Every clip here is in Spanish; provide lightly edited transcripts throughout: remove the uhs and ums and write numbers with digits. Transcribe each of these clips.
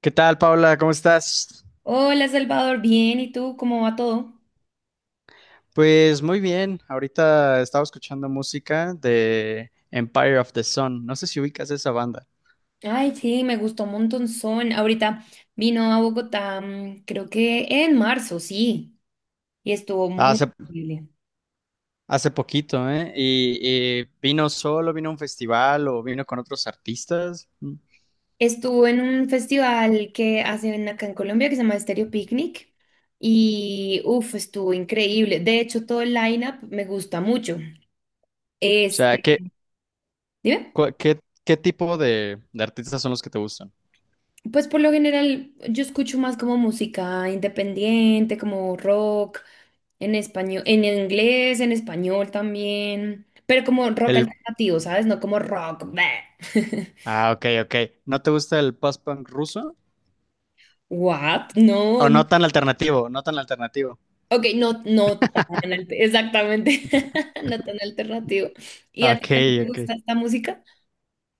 ¿Qué tal, Paula? ¿Cómo estás? Hola Salvador, bien, ¿y tú cómo va todo? Pues muy bien. Ahorita estaba escuchando música de Empire of the Sun. No sé si ubicas esa banda. Ay, sí, me gustó un montonzón. Ahorita vino a Bogotá, creo que en marzo, sí, y estuvo muy Hace, increíble. hace poquito, ¿eh? Y vino solo, vino a un festival o vino con otros artistas. Mm. O Estuvo en un festival que hacen acá en Colombia que se llama Stereo Picnic y uff, estuvo increíble. De hecho, todo el lineup me gusta mucho. sea, Este, ¿qué, dime. cua- qué, qué tipo de artistas son los que te gustan? Pues por lo general yo escucho más como música independiente, como rock, en español, en inglés, en español también, pero como rock El... alternativo, ¿sabes? No como rock. Bleh. Ah, ok, ok. ¿No te gusta el post-punk ruso? What? No, ¿O no. no tan alternativo? No tan alternativo. Ok, no, no tan exactamente, no tan alternativo. ¿Y a ti Ok, también te ok. gusta esta música?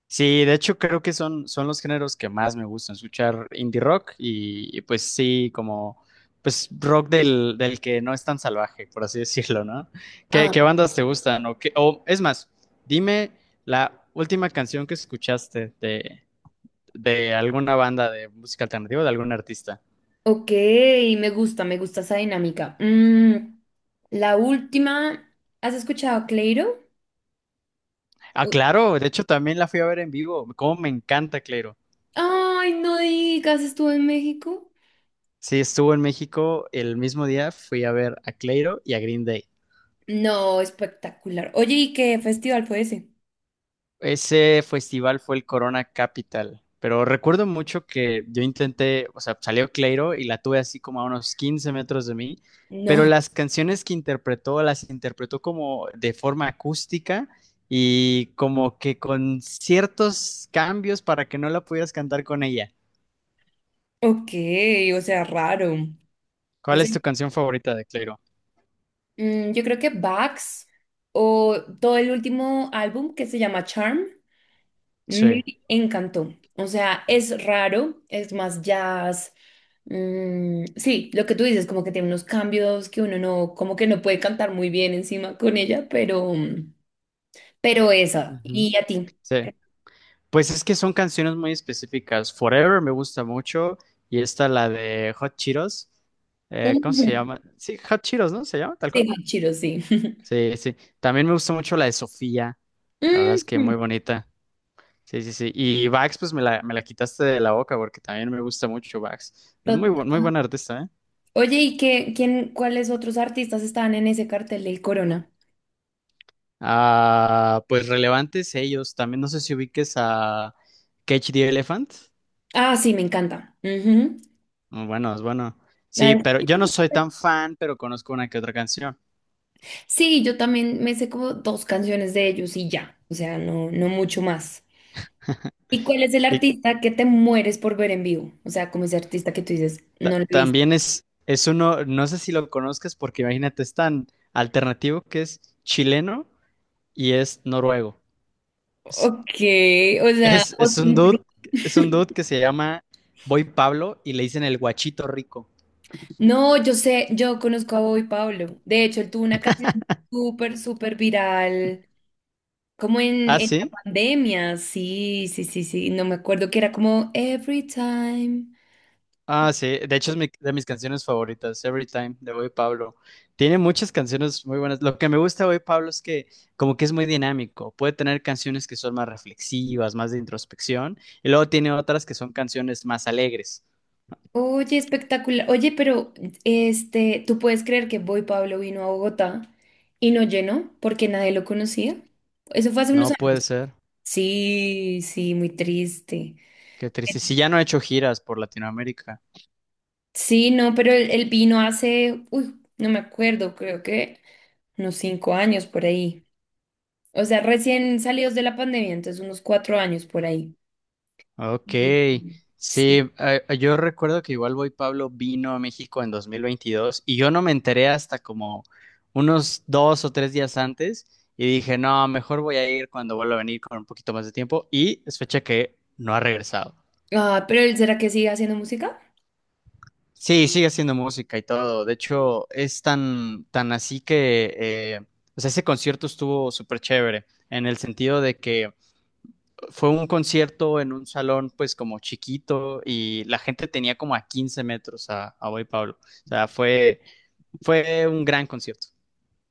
Sí, de hecho creo que son los géneros que más me gustan, escuchar indie rock pues sí, como pues rock del que no es tan salvaje, por así decirlo, ¿no? ¿Qué, Ah, qué bandas te gustan? O es más, dime la última canción que escuchaste de alguna banda de música alternativa, de algún artista. ok, me gusta esa dinámica. La última, ¿has escuchado a Cleiro? Ah, claro, de hecho también la fui a ver en vivo, como me encanta Cleiro. Ay, no digas, estuve en México. Sí, estuvo en México el mismo día, fui a ver a Cleiro y a Green Day. No, espectacular. Oye, ¿y qué festival fue ese? Ese festival fue el Corona Capital, pero recuerdo mucho que yo intenté, o sea, salió Cleiro y la tuve así como a unos 15 metros de mí, pero No. las canciones que interpretó las interpretó como de forma acústica y como que con ciertos cambios para que no la pudieras cantar con ella. Ok, o sea, raro. O ¿Cuál sea, es tu canción favorita de Cleiro? Yo creo que Bax o todo el último álbum que se llama Charm me Sí. encantó. O sea, es raro, es más jazz. Sí, lo que tú dices, como que tiene unos cambios que uno no, como que no puede cantar muy bien encima con ella, pero esa. Ujú. ¿Y a ti? Sí. Pues es que son canciones muy específicas. Forever me gusta mucho y esta la de Hot Cheetos. ¿Cómo se Ujú. llama? Sí, Hot Cheetos, ¿no? ¿Se llama tal Sí, cual? Chiro, sí. Sí, sí. También me gusta mucho la de Sofía. La verdad es que Mm, muy bonita. Sí, sí, sí. Y Vax, pues me la quitaste de la boca porque también me gusta mucho Vax. Es total. Muy buen artista, ¿eh? Oye, ¿y qué, quién, cuáles otros artistas estaban en ese cartel del Corona? Ah, pues relevantes ellos. También no sé si ubiques a Cage the Elephant. Ah, sí, me encanta. Ujú. Muy bueno, es bueno. La Sí, de- pero yo no soy tan fan, pero conozco una que otra canción. Sí, yo también me sé como dos canciones de ellos y ya. O sea, no, no mucho más. ¿Y cuál es el Y artista que te mueres por ver en vivo? O sea, como ese artista que tú dices, no lo he visto. también es uno, no sé si lo conozcas porque imagínate, es tan alternativo que es chileno y es noruego. Es, Ok, o sea, es, es un dude, es un dude que se llama Boy Pablo y le dicen el guachito rico. no, yo sé, yo conozco a Boy Pablo. De hecho, él tuvo una canción súper, súper viral. Como en, Ah, en la sí. pandemia, sí, sí, sí, sí, no me acuerdo que era como Every Time. Ah, sí. De hecho, es de mis canciones favoritas, Every Time, de Boy Pablo. Tiene muchas canciones muy buenas. Lo que me gusta de Boy Pablo es que como que es muy dinámico. Puede tener canciones que son más reflexivas, más de introspección, y luego tiene otras que son canciones más alegres. Oye, espectacular. Oye, pero ¿tú puedes creer que Boy Pablo vino a Bogotá y no llenó porque nadie lo conocía? Eso fue hace unos No años. puede ser. Sí, sí, muy triste. Qué triste. Si ya no he hecho giras por Latinoamérica. Sí, no, pero él vino hace, uy, no me acuerdo, creo que unos 5 años por ahí. O sea, recién salidos de la pandemia, entonces unos 4 años por ahí. Ok. Sí. Sí, yo recuerdo que igual Boy Pablo vino a México en 2022 y yo no me enteré hasta como unos 2 o 3 días antes y dije, no, mejor voy a ir cuando vuelva a venir con un poquito más de tiempo y es fecha que no ha regresado. Ah, ¿pero él será que sigue haciendo música? Sí, sigue haciendo música y todo. De hecho, es tan, tan así que, o sea, ese concierto estuvo súper chévere en el sentido de que fue un concierto en un salón pues como chiquito y la gente tenía como a 15 metros a Boy Pablo. O sea, fue un gran concierto.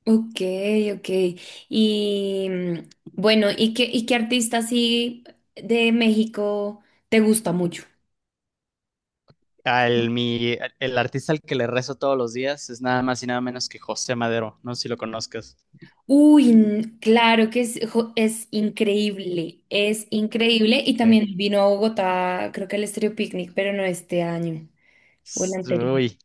Ok, ok. Y bueno, y qué artista así de México te gusta mucho? El artista al que le rezo todos los días es nada más y nada menos que José Madero. No sé si lo conozcas. Uy, claro que es, es increíble, es increíble. Y Le- también vino a Bogotá, creo que el Estéreo Picnic, pero no este año o el anterior. Uy.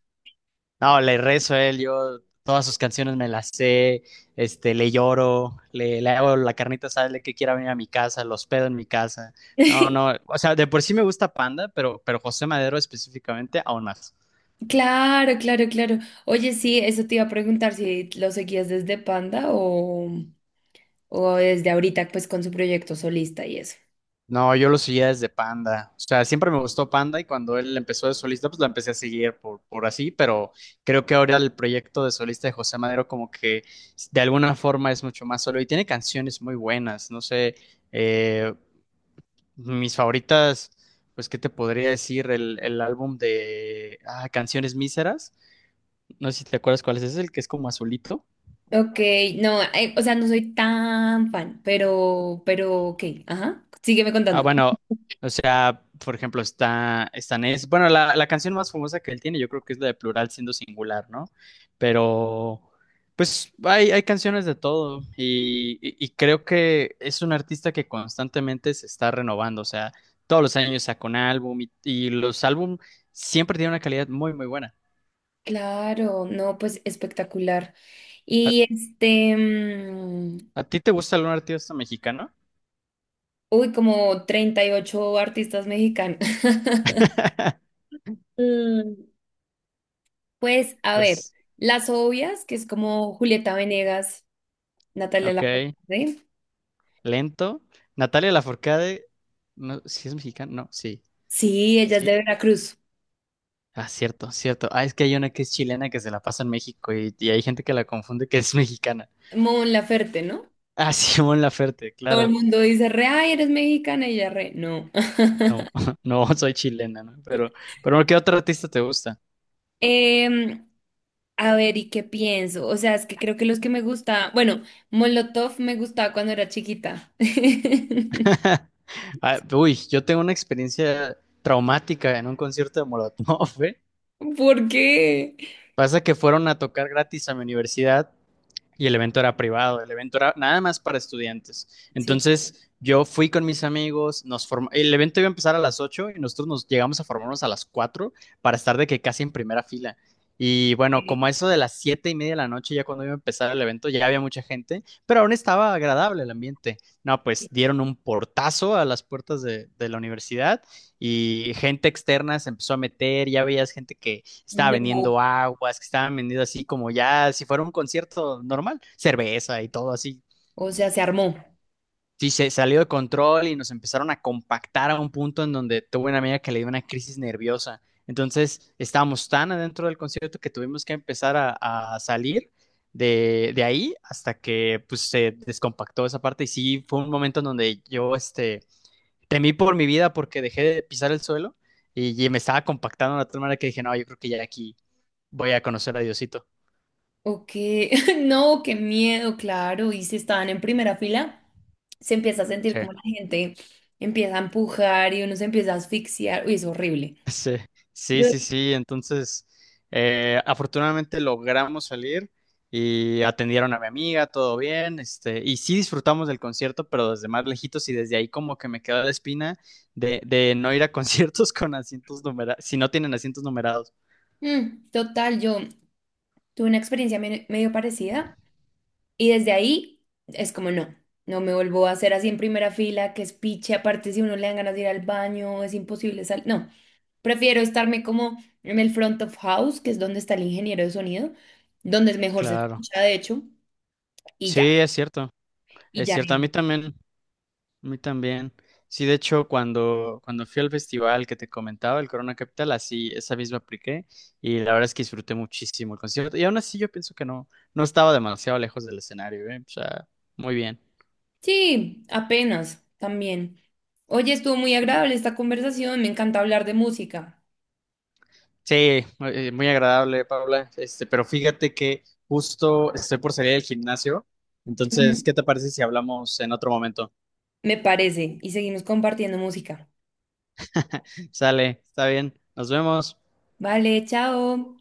No, le rezo a él, yo todas sus canciones me las sé, este, le lloro, le hago la carnita sale que quiera venir a mi casa, los pedo en mi casa. No, no, o sea, de por sí me gusta Panda, pero José Madero específicamente aún más. Claro, claro, claro. Oye, sí, eso te iba a preguntar si lo seguías desde Panda o desde ahorita, pues con su proyecto solista y eso. No, yo lo seguía desde Panda, o sea, siempre me gustó Panda y cuando él empezó de solista, pues la empecé a seguir por así, pero creo que ahora el proyecto de solista de José Madero como que de alguna forma es mucho más solo y tiene canciones muy buenas, no sé. Eh, Mis favoritas, pues, ¿qué te podría decir? El álbum de Canciones Míseras. No sé si te acuerdas cuál es ese, el que es como azulito. Ok, no, o sea, no soy tan fan, pero, ok, ajá, sígueme Ah, contando. bueno, o sea, por ejemplo, bueno, la canción más famosa que él tiene, yo creo que es la de Plural siendo singular, ¿no? Pero, pues, hay canciones de todo y creo que es un artista que constantemente se está renovando, o sea, todos los años saca un álbum y los álbum siempre tienen una calidad muy, muy buena. Claro, no, pues espectacular. Ah, Y este, ¿a ti te gusta algún artista mexicano? uy, como 38 artistas mexicanos. Mm, pues, a ver, Pues, las obvias, que es como Julieta Venegas, Natalia ok, Lafourcade. lento. Natalia Lafourcade, no, ¿sí es mexicana? No, sí, Sí, ella es sí. de Veracruz. Ah, cierto, cierto. Ah, es que hay una que es chilena que se la pasa en México y hay gente que la confunde que es mexicana. Mon Laferte, ¿no? Ah, Simón Laferte, Todo el claro. mundo dice, re, ay, eres mexicana, y ella re, no. No, no, soy chilena, ¿no? Pero ¿qué otro artista te gusta? Em, a ver, ¿y qué pienso? O sea, es que creo que los que me gusta, bueno, Molotov me gustaba cuando era chiquita. Ah, uy, yo tengo una experiencia traumática en un concierto de Molotov, ¿eh? ¿Por qué? Pasa que fueron a tocar gratis a mi universidad y el evento era privado, el evento era nada más para estudiantes. Sí. Entonces yo fui con mis amigos, el evento iba a empezar a las 8 y nosotros nos llegamos a formarnos a las 4 para estar de que casi en primera fila. Y bueno, como a eso de las 7:30 de la noche, ya cuando iba a empezar el evento, ya había mucha gente, pero aún estaba agradable el ambiente. No, pues dieron un portazo a las puertas de la universidad y gente externa se empezó a meter, ya veías gente que estaba No, vendiendo aguas, que estaban vendiendo así como ya si fuera un concierto normal, cerveza y todo así. o sea, se armó. Sí, se salió de control y nos empezaron a compactar a un punto en donde tuve una amiga que le dio una crisis nerviosa. Entonces estábamos tan adentro del concierto que tuvimos que empezar a salir de ahí hasta que pues se descompactó esa parte y sí fue un momento en donde yo este, temí por mi vida porque dejé de pisar el suelo y me estaba compactando de tal manera que dije, no, yo creo que ya aquí voy a conocer a Diosito. O qué, no, qué miedo, claro. Y si estaban en primera fila, se empieza a sentir Sí. como la gente empieza a empujar y uno se empieza a asfixiar. Uy, es horrible. Sí, sí, Yo, sí, sí. Entonces, afortunadamente logramos salir y atendieron a mi amiga, todo bien, este, y sí disfrutamos del concierto, pero desde más lejitos y desde ahí como que me quedó la espina de no ir a conciertos con asientos numerados, si no tienen asientos numerados. Total, yo tuve una experiencia medio parecida. Y desde ahí es como no, no me vuelvo a hacer así en primera fila, que es piche, aparte si uno le dan ganas de ir al baño, es imposible salir. No, prefiero estarme como en el front of house, que es donde está el ingeniero de sonido, donde es mejor se Claro. escucha, de hecho, y Sí, ya, es cierto, y es ya. cierto. A mí también. A mí también. Sí, de hecho, cuando fui al festival que te comentaba, el Corona Capital, así esa misma apliqué y la verdad es que disfruté muchísimo el concierto. Y aún así yo pienso que no, no estaba demasiado lejos del escenario, ¿eh? O sea, muy bien. Sí, apenas también. Oye, estuvo muy agradable esta conversación, me encanta hablar de música. Sí, muy agradable, Paula. Este, pero fíjate que justo estoy por salir del gimnasio. Entonces, Ujú. ¿qué te parece si hablamos en otro momento? Me parece, y seguimos compartiendo música. Sale, está bien. Nos vemos. Vale, chao.